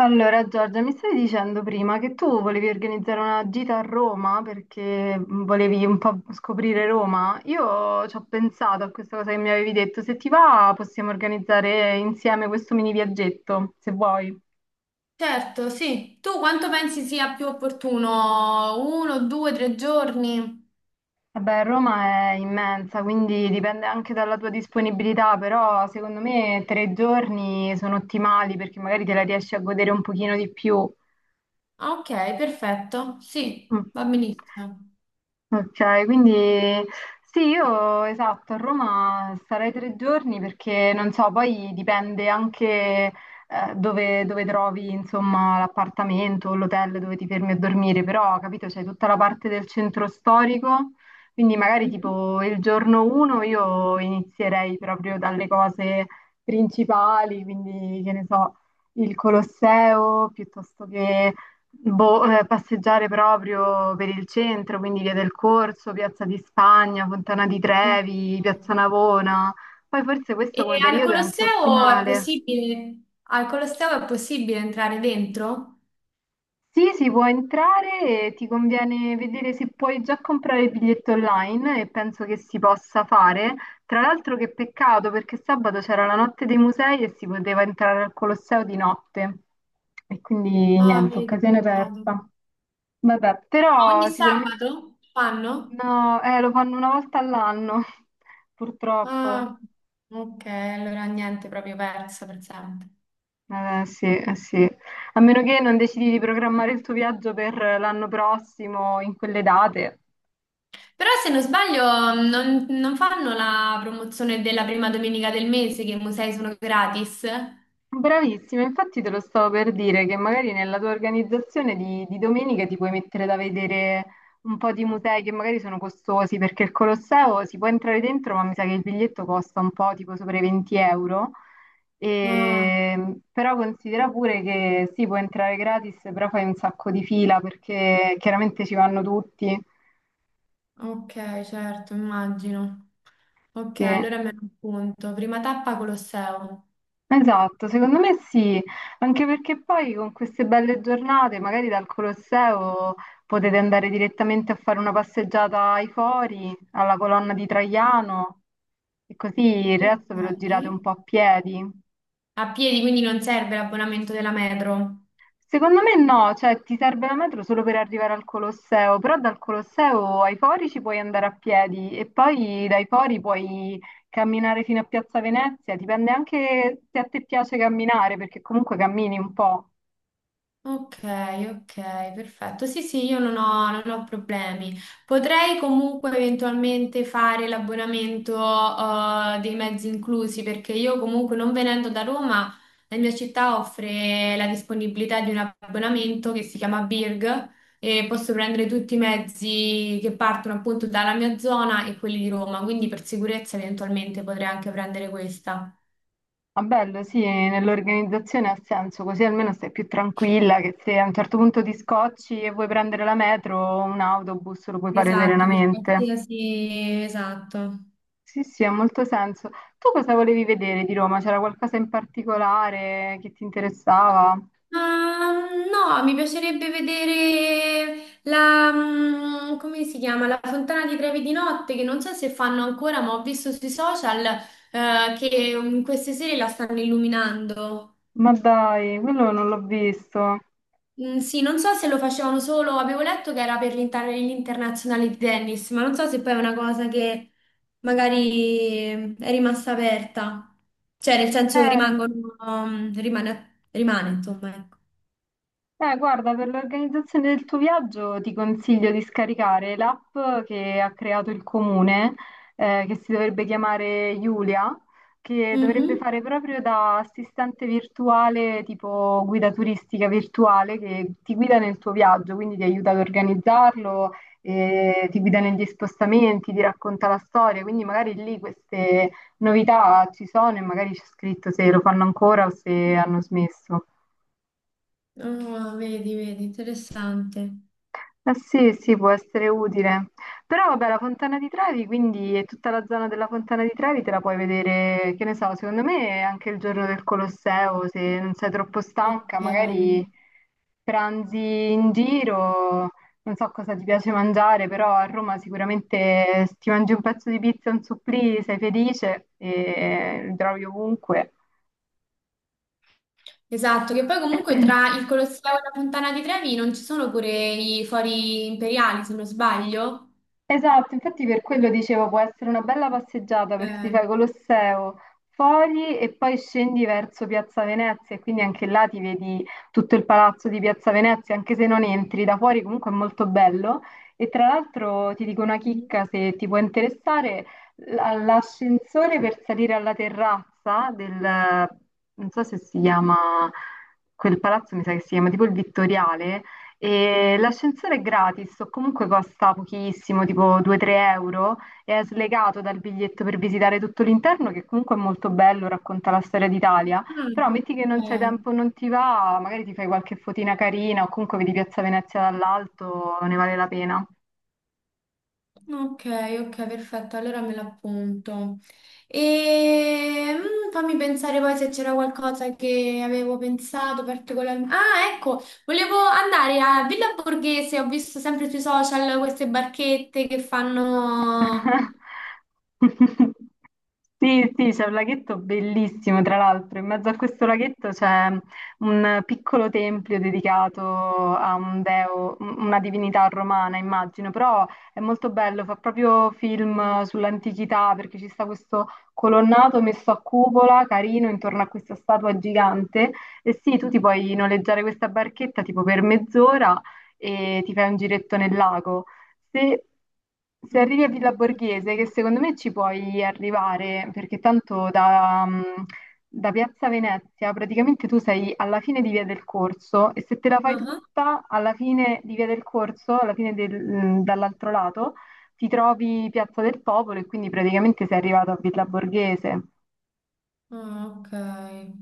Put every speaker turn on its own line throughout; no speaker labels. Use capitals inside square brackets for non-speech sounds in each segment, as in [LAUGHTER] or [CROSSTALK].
Allora, Giorgia, mi stavi dicendo prima che tu volevi organizzare una gita a Roma perché volevi un po' scoprire Roma. Io ci ho pensato a questa cosa che mi avevi detto. Se ti va, possiamo organizzare insieme questo mini viaggetto, se vuoi.
Certo, sì. Tu quanto pensi sia più opportuno? Uno, due, tre giorni?
Vabbè, Roma è immensa, quindi dipende anche dalla tua disponibilità, però secondo me tre giorni sono ottimali perché magari te la riesci a godere un pochino di più.
Ah, Ok, perfetto. Sì,
Mm.
va benissimo.
Ok, quindi sì, io esatto, a Roma starei tre giorni perché non so, poi dipende anche dove trovi insomma l'appartamento o l'hotel dove ti fermi a dormire, però capito, c'è tutta la parte del centro storico, quindi magari
Mhm.
tipo il giorno uno io inizierei proprio dalle cose principali, quindi che ne so, il Colosseo piuttosto che Boh, passeggiare proprio per il centro, quindi Via del Corso, Piazza di Spagna, Fontana di Trevi, Piazza Navona. Poi forse
E
questo come
al
periodo è anche
Colosseo è
ottimale.
possibile? Al Colosseo è possibile entrare dentro?
Sì, si può entrare e ti conviene vedere se puoi già comprare il biglietto online e penso che si possa fare. Tra l'altro che peccato perché sabato c'era la notte dei musei e si poteva entrare al Colosseo di notte. E quindi
Ah,
niente,
vedi,
occasione
peccato.
persa. Vabbè,
Ma
però
ogni
sicuramente...
sabato fanno?
No, lo fanno una volta all'anno, [LAUGHS] purtroppo.
Ah, ok, allora niente, proprio persa per sempre.
Sì, sì. A meno che non decidi di programmare il tuo viaggio per l'anno prossimo, in quelle date.
Però se non sbaglio non fanno la promozione della prima domenica del mese che i musei sono gratis?
Bravissima, infatti te lo stavo per dire che magari nella tua organizzazione di domenica ti puoi mettere da vedere un po' di musei che magari sono costosi perché il Colosseo si può entrare dentro, ma mi sa che il biglietto costa un po' tipo sopra i 20 euro.
Ah,
E, però considera pure che si può entrare gratis, però fai un sacco di fila perché chiaramente ci vanno tutti.
ok, certo, immagino. Ok,
Sì.
allora me lo appunto. Prima tappa Colosseo.
Esatto, secondo me sì, anche perché poi con queste belle giornate, magari dal Colosseo potete andare direttamente a fare una passeggiata ai Fori, alla colonna di Traiano e così il resto ve lo girate
Ok.
un po' a piedi.
A piedi, quindi non serve l'abbonamento della metro.
Secondo me no, cioè ti serve la metro solo per arrivare al Colosseo, però dal Colosseo ai Fori ci puoi andare a piedi e poi dai Fori puoi camminare fino a Piazza Venezia, dipende anche se a te piace camminare, perché comunque cammini un po'.
Ok, ok, perfetto. Sì, sì, io non ho, non ho problemi. Potrei comunque eventualmente fare l'abbonamento, dei mezzi inclusi, perché io comunque non venendo da Roma, la mia città offre la disponibilità di un abbonamento che si chiama Birg e posso prendere tutti i mezzi che partono appunto dalla mia zona e quelli di Roma, quindi per sicurezza eventualmente potrei anche prendere questa.
Ma bello, sì, nell'organizzazione ha senso, così almeno stai più tranquilla che se a un certo punto ti scocci e vuoi prendere la metro o un autobus lo puoi fare
Esatto, per
serenamente.
qualsiasi, esatto.
Sì, sì, ha molto senso. Tu cosa volevi vedere di Roma? C'era qualcosa in particolare che ti interessava?
Ma, no, mi piacerebbe vedere la, come si chiama? La Fontana di Trevi di notte, che non so se fanno ancora, ma ho visto sui social, che queste sere la stanno illuminando.
Ma dai, quello non l'ho visto.
Mm, sì, non so se lo facevano solo, avevo letto che era per l'internazionale di tennis, ma non so se poi è una cosa che magari è rimasta aperta. Cioè, nel senso
Eh,
rimangono, rimane, insomma,
Guarda, per l'organizzazione del tuo viaggio ti consiglio di scaricare l'app che ha creato il comune, che si dovrebbe chiamare Giulia, che dovrebbe
ecco.
fare proprio da assistente virtuale, tipo guida turistica virtuale, che ti guida nel tuo viaggio, quindi ti aiuta ad organizzarlo, ti guida negli spostamenti, ti racconta la storia, quindi magari lì queste novità ci sono e magari c'è scritto se lo fanno ancora o se hanno smesso.
Ah, vedi, vedi, interessante.
Eh sì, sì, può essere utile. Però vabbè, la Fontana di Trevi, quindi e tutta la zona della Fontana di Trevi te la puoi vedere, che ne so, secondo me anche il giorno del Colosseo, se non sei troppo
Ok.
stanca, magari pranzi in giro, non so cosa ti piace mangiare, però a Roma sicuramente se ti mangi un pezzo di pizza, un supplì, sei felice e li trovi ovunque.
Esatto, che poi comunque tra il Colosseo e la Fontana di Trevi non ci sono pure i fori imperiali, se non sbaglio.
Esatto, infatti per quello dicevo può essere una bella passeggiata perché ti
Eh,
fai Colosseo fuori e poi scendi verso Piazza Venezia e quindi anche là ti vedi tutto il palazzo di Piazza Venezia, anche se non entri da fuori comunque è molto bello. E tra l'altro ti dico una
mhm.
chicca se ti può interessare, l- l'ascensore per salire alla terrazza del, non so se si chiama, quel palazzo mi sa che si chiama tipo il Vittoriale, e l'ascensore è gratis o comunque costa pochissimo, tipo 2-3 euro, e è slegato dal biglietto per visitare tutto l'interno, che comunque è molto bello, racconta la storia d'Italia. Però
Mm,
metti che non c'è
ok.
tempo, non ti va, magari ti fai qualche fotina carina o comunque vedi Piazza Venezia dall'alto, ne vale la pena.
Ok, ok, perfetto, allora me l'appunto. E fammi pensare poi se c'era qualcosa che avevo pensato particolarmente. Ah, ecco, volevo andare a Villa Borghese, ho visto sempre sui social queste barchette che fanno...
[LAUGHS] Sì, sì, c'è un laghetto bellissimo, tra l'altro. In mezzo a questo laghetto c'è un piccolo tempio dedicato a un deo, una divinità romana, immagino, però è molto bello, fa proprio film sull'antichità perché ci sta questo colonnato messo a cupola, carino, intorno a questa statua gigante. E sì, tu ti puoi noleggiare questa barchetta tipo per mezz'ora e ti fai un giretto nel lago. Se, se arrivi a Villa Borghese, che secondo me ci puoi arrivare, perché tanto da, da Piazza Venezia praticamente tu sei alla fine di Via del Corso e se te la fai
Ah,
tutta alla fine di Via del Corso, dall'altro lato, ti trovi Piazza del Popolo e quindi praticamente sei arrivato a Villa Borghese.
ah, ok,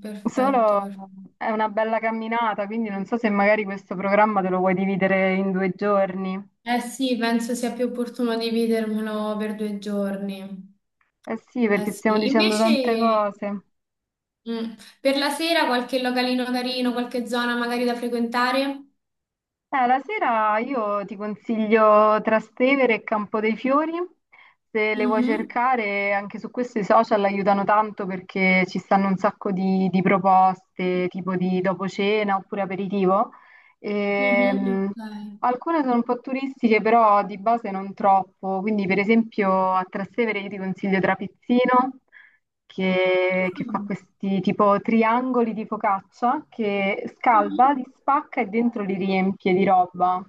perfetto,
Solo
perfetto.
è una bella camminata, quindi non so se magari questo programma te lo vuoi dividere in due giorni.
Eh sì, penso sia più opportuno dividermelo per due giorni.
Eh sì,
Eh
perché stiamo
sì,
dicendo tante
invece...
cose.
Mm. Per la sera qualche localino carino, qualche zona magari da frequentare?
La sera io ti consiglio Trastevere e Campo dei Fiori, se le vuoi
Mhm.
cercare anche su questi social aiutano tanto perché ci stanno un sacco di proposte tipo di dopo cena oppure aperitivo.
Mhm,
Ehm,
Ok.
Alcune sono un po' turistiche, però di base non troppo. Quindi, per esempio, a Trastevere io ti consiglio Trapizzino, che fa
Ah,
questi tipo triangoli di focaccia che scalda,
mhm.
li spacca e dentro li riempie di roba.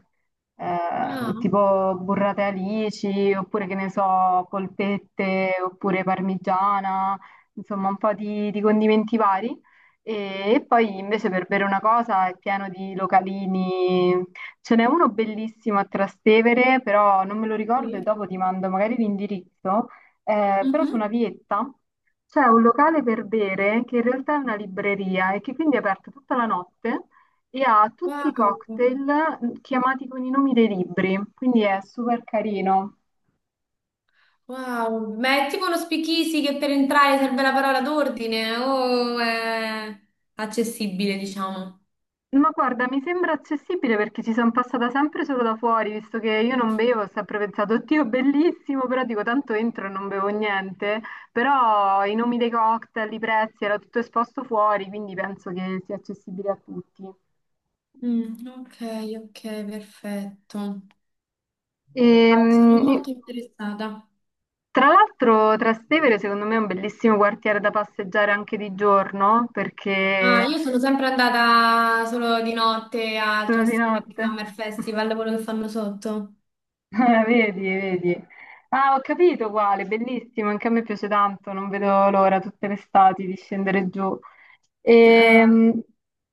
Ah,
Tipo burrate alici, oppure che ne so, polpette, oppure parmigiana, insomma, un po' di condimenti vari. E poi invece per bere una cosa è pieno di localini. Ce n'è uno bellissimo a Trastevere, però non me lo ricordo e
sì.
dopo ti mando magari l'indirizzo. Però su una
Mhm.
vietta c'è un locale per bere che in realtà è una libreria e che quindi è aperto tutta la notte e ha tutti
Wow.
i cocktail chiamati con i nomi dei libri, quindi è super carino.
Wow. Ma è tipo uno speakeasy che per entrare serve la parola d'ordine o è accessibile, diciamo?
Ma guarda, mi sembra accessibile perché ci sono passata sempre solo da fuori, visto che io non bevo, ho sempre pensato, oddio, bellissimo, però dico tanto entro e non bevo niente, però i nomi dei cocktail, i prezzi, era tutto esposto fuori, quindi penso che sia accessibile a tutti.
Mm, ok, ok, perfetto. Ah, sono
Ehm,
molto interessata.
tra l'altro Trastevere secondo me è un bellissimo quartiere da passeggiare anche di giorno,
Ah,
perché
io sono sempre andata solo di notte al
sono di
Trastevere
notte.
Summer Festival,
[LAUGHS]
quello che fanno sotto.
[LAUGHS] Ah, vedi, vedi. Ah, ho capito quale, bellissimo, anche a me piace tanto, non vedo l'ora tutte le estati di scendere giù.
Eh,
Ehm,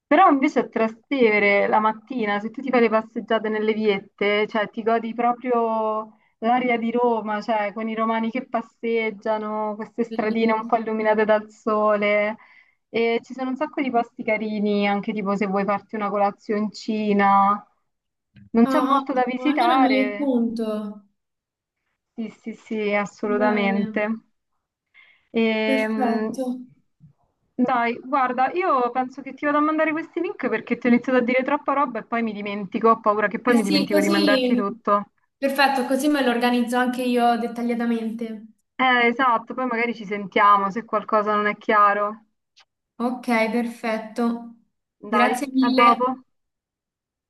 però invece a Trastevere la mattina, se tu ti fai le passeggiate nelle viette, cioè ti godi proprio l'aria di Roma, cioè con i romani che passeggiano, queste stradine un
bellissimo.
po' illuminate dal sole. E ci sono un sacco di posti carini, anche tipo se vuoi farti una colazioncina. Non c'è
Ah,
molto da
ottimo, allora me li
visitare,
appunto.
sì, sì, sì,
Bene,
assolutamente. Ehm,
perfetto.
dai, guarda, io penso che ti vado a mandare questi link perché ti ho iniziato a dire troppa roba e poi mi dimentico, ho paura che poi
Eh
mi
sì,
dimentico di mandarti
così,
tutto.
perfetto, così me lo organizzo anche io dettagliatamente.
Esatto, poi magari ci sentiamo se qualcosa non è chiaro.
Ok, perfetto.
Dai,
Grazie
a dopo.
mille.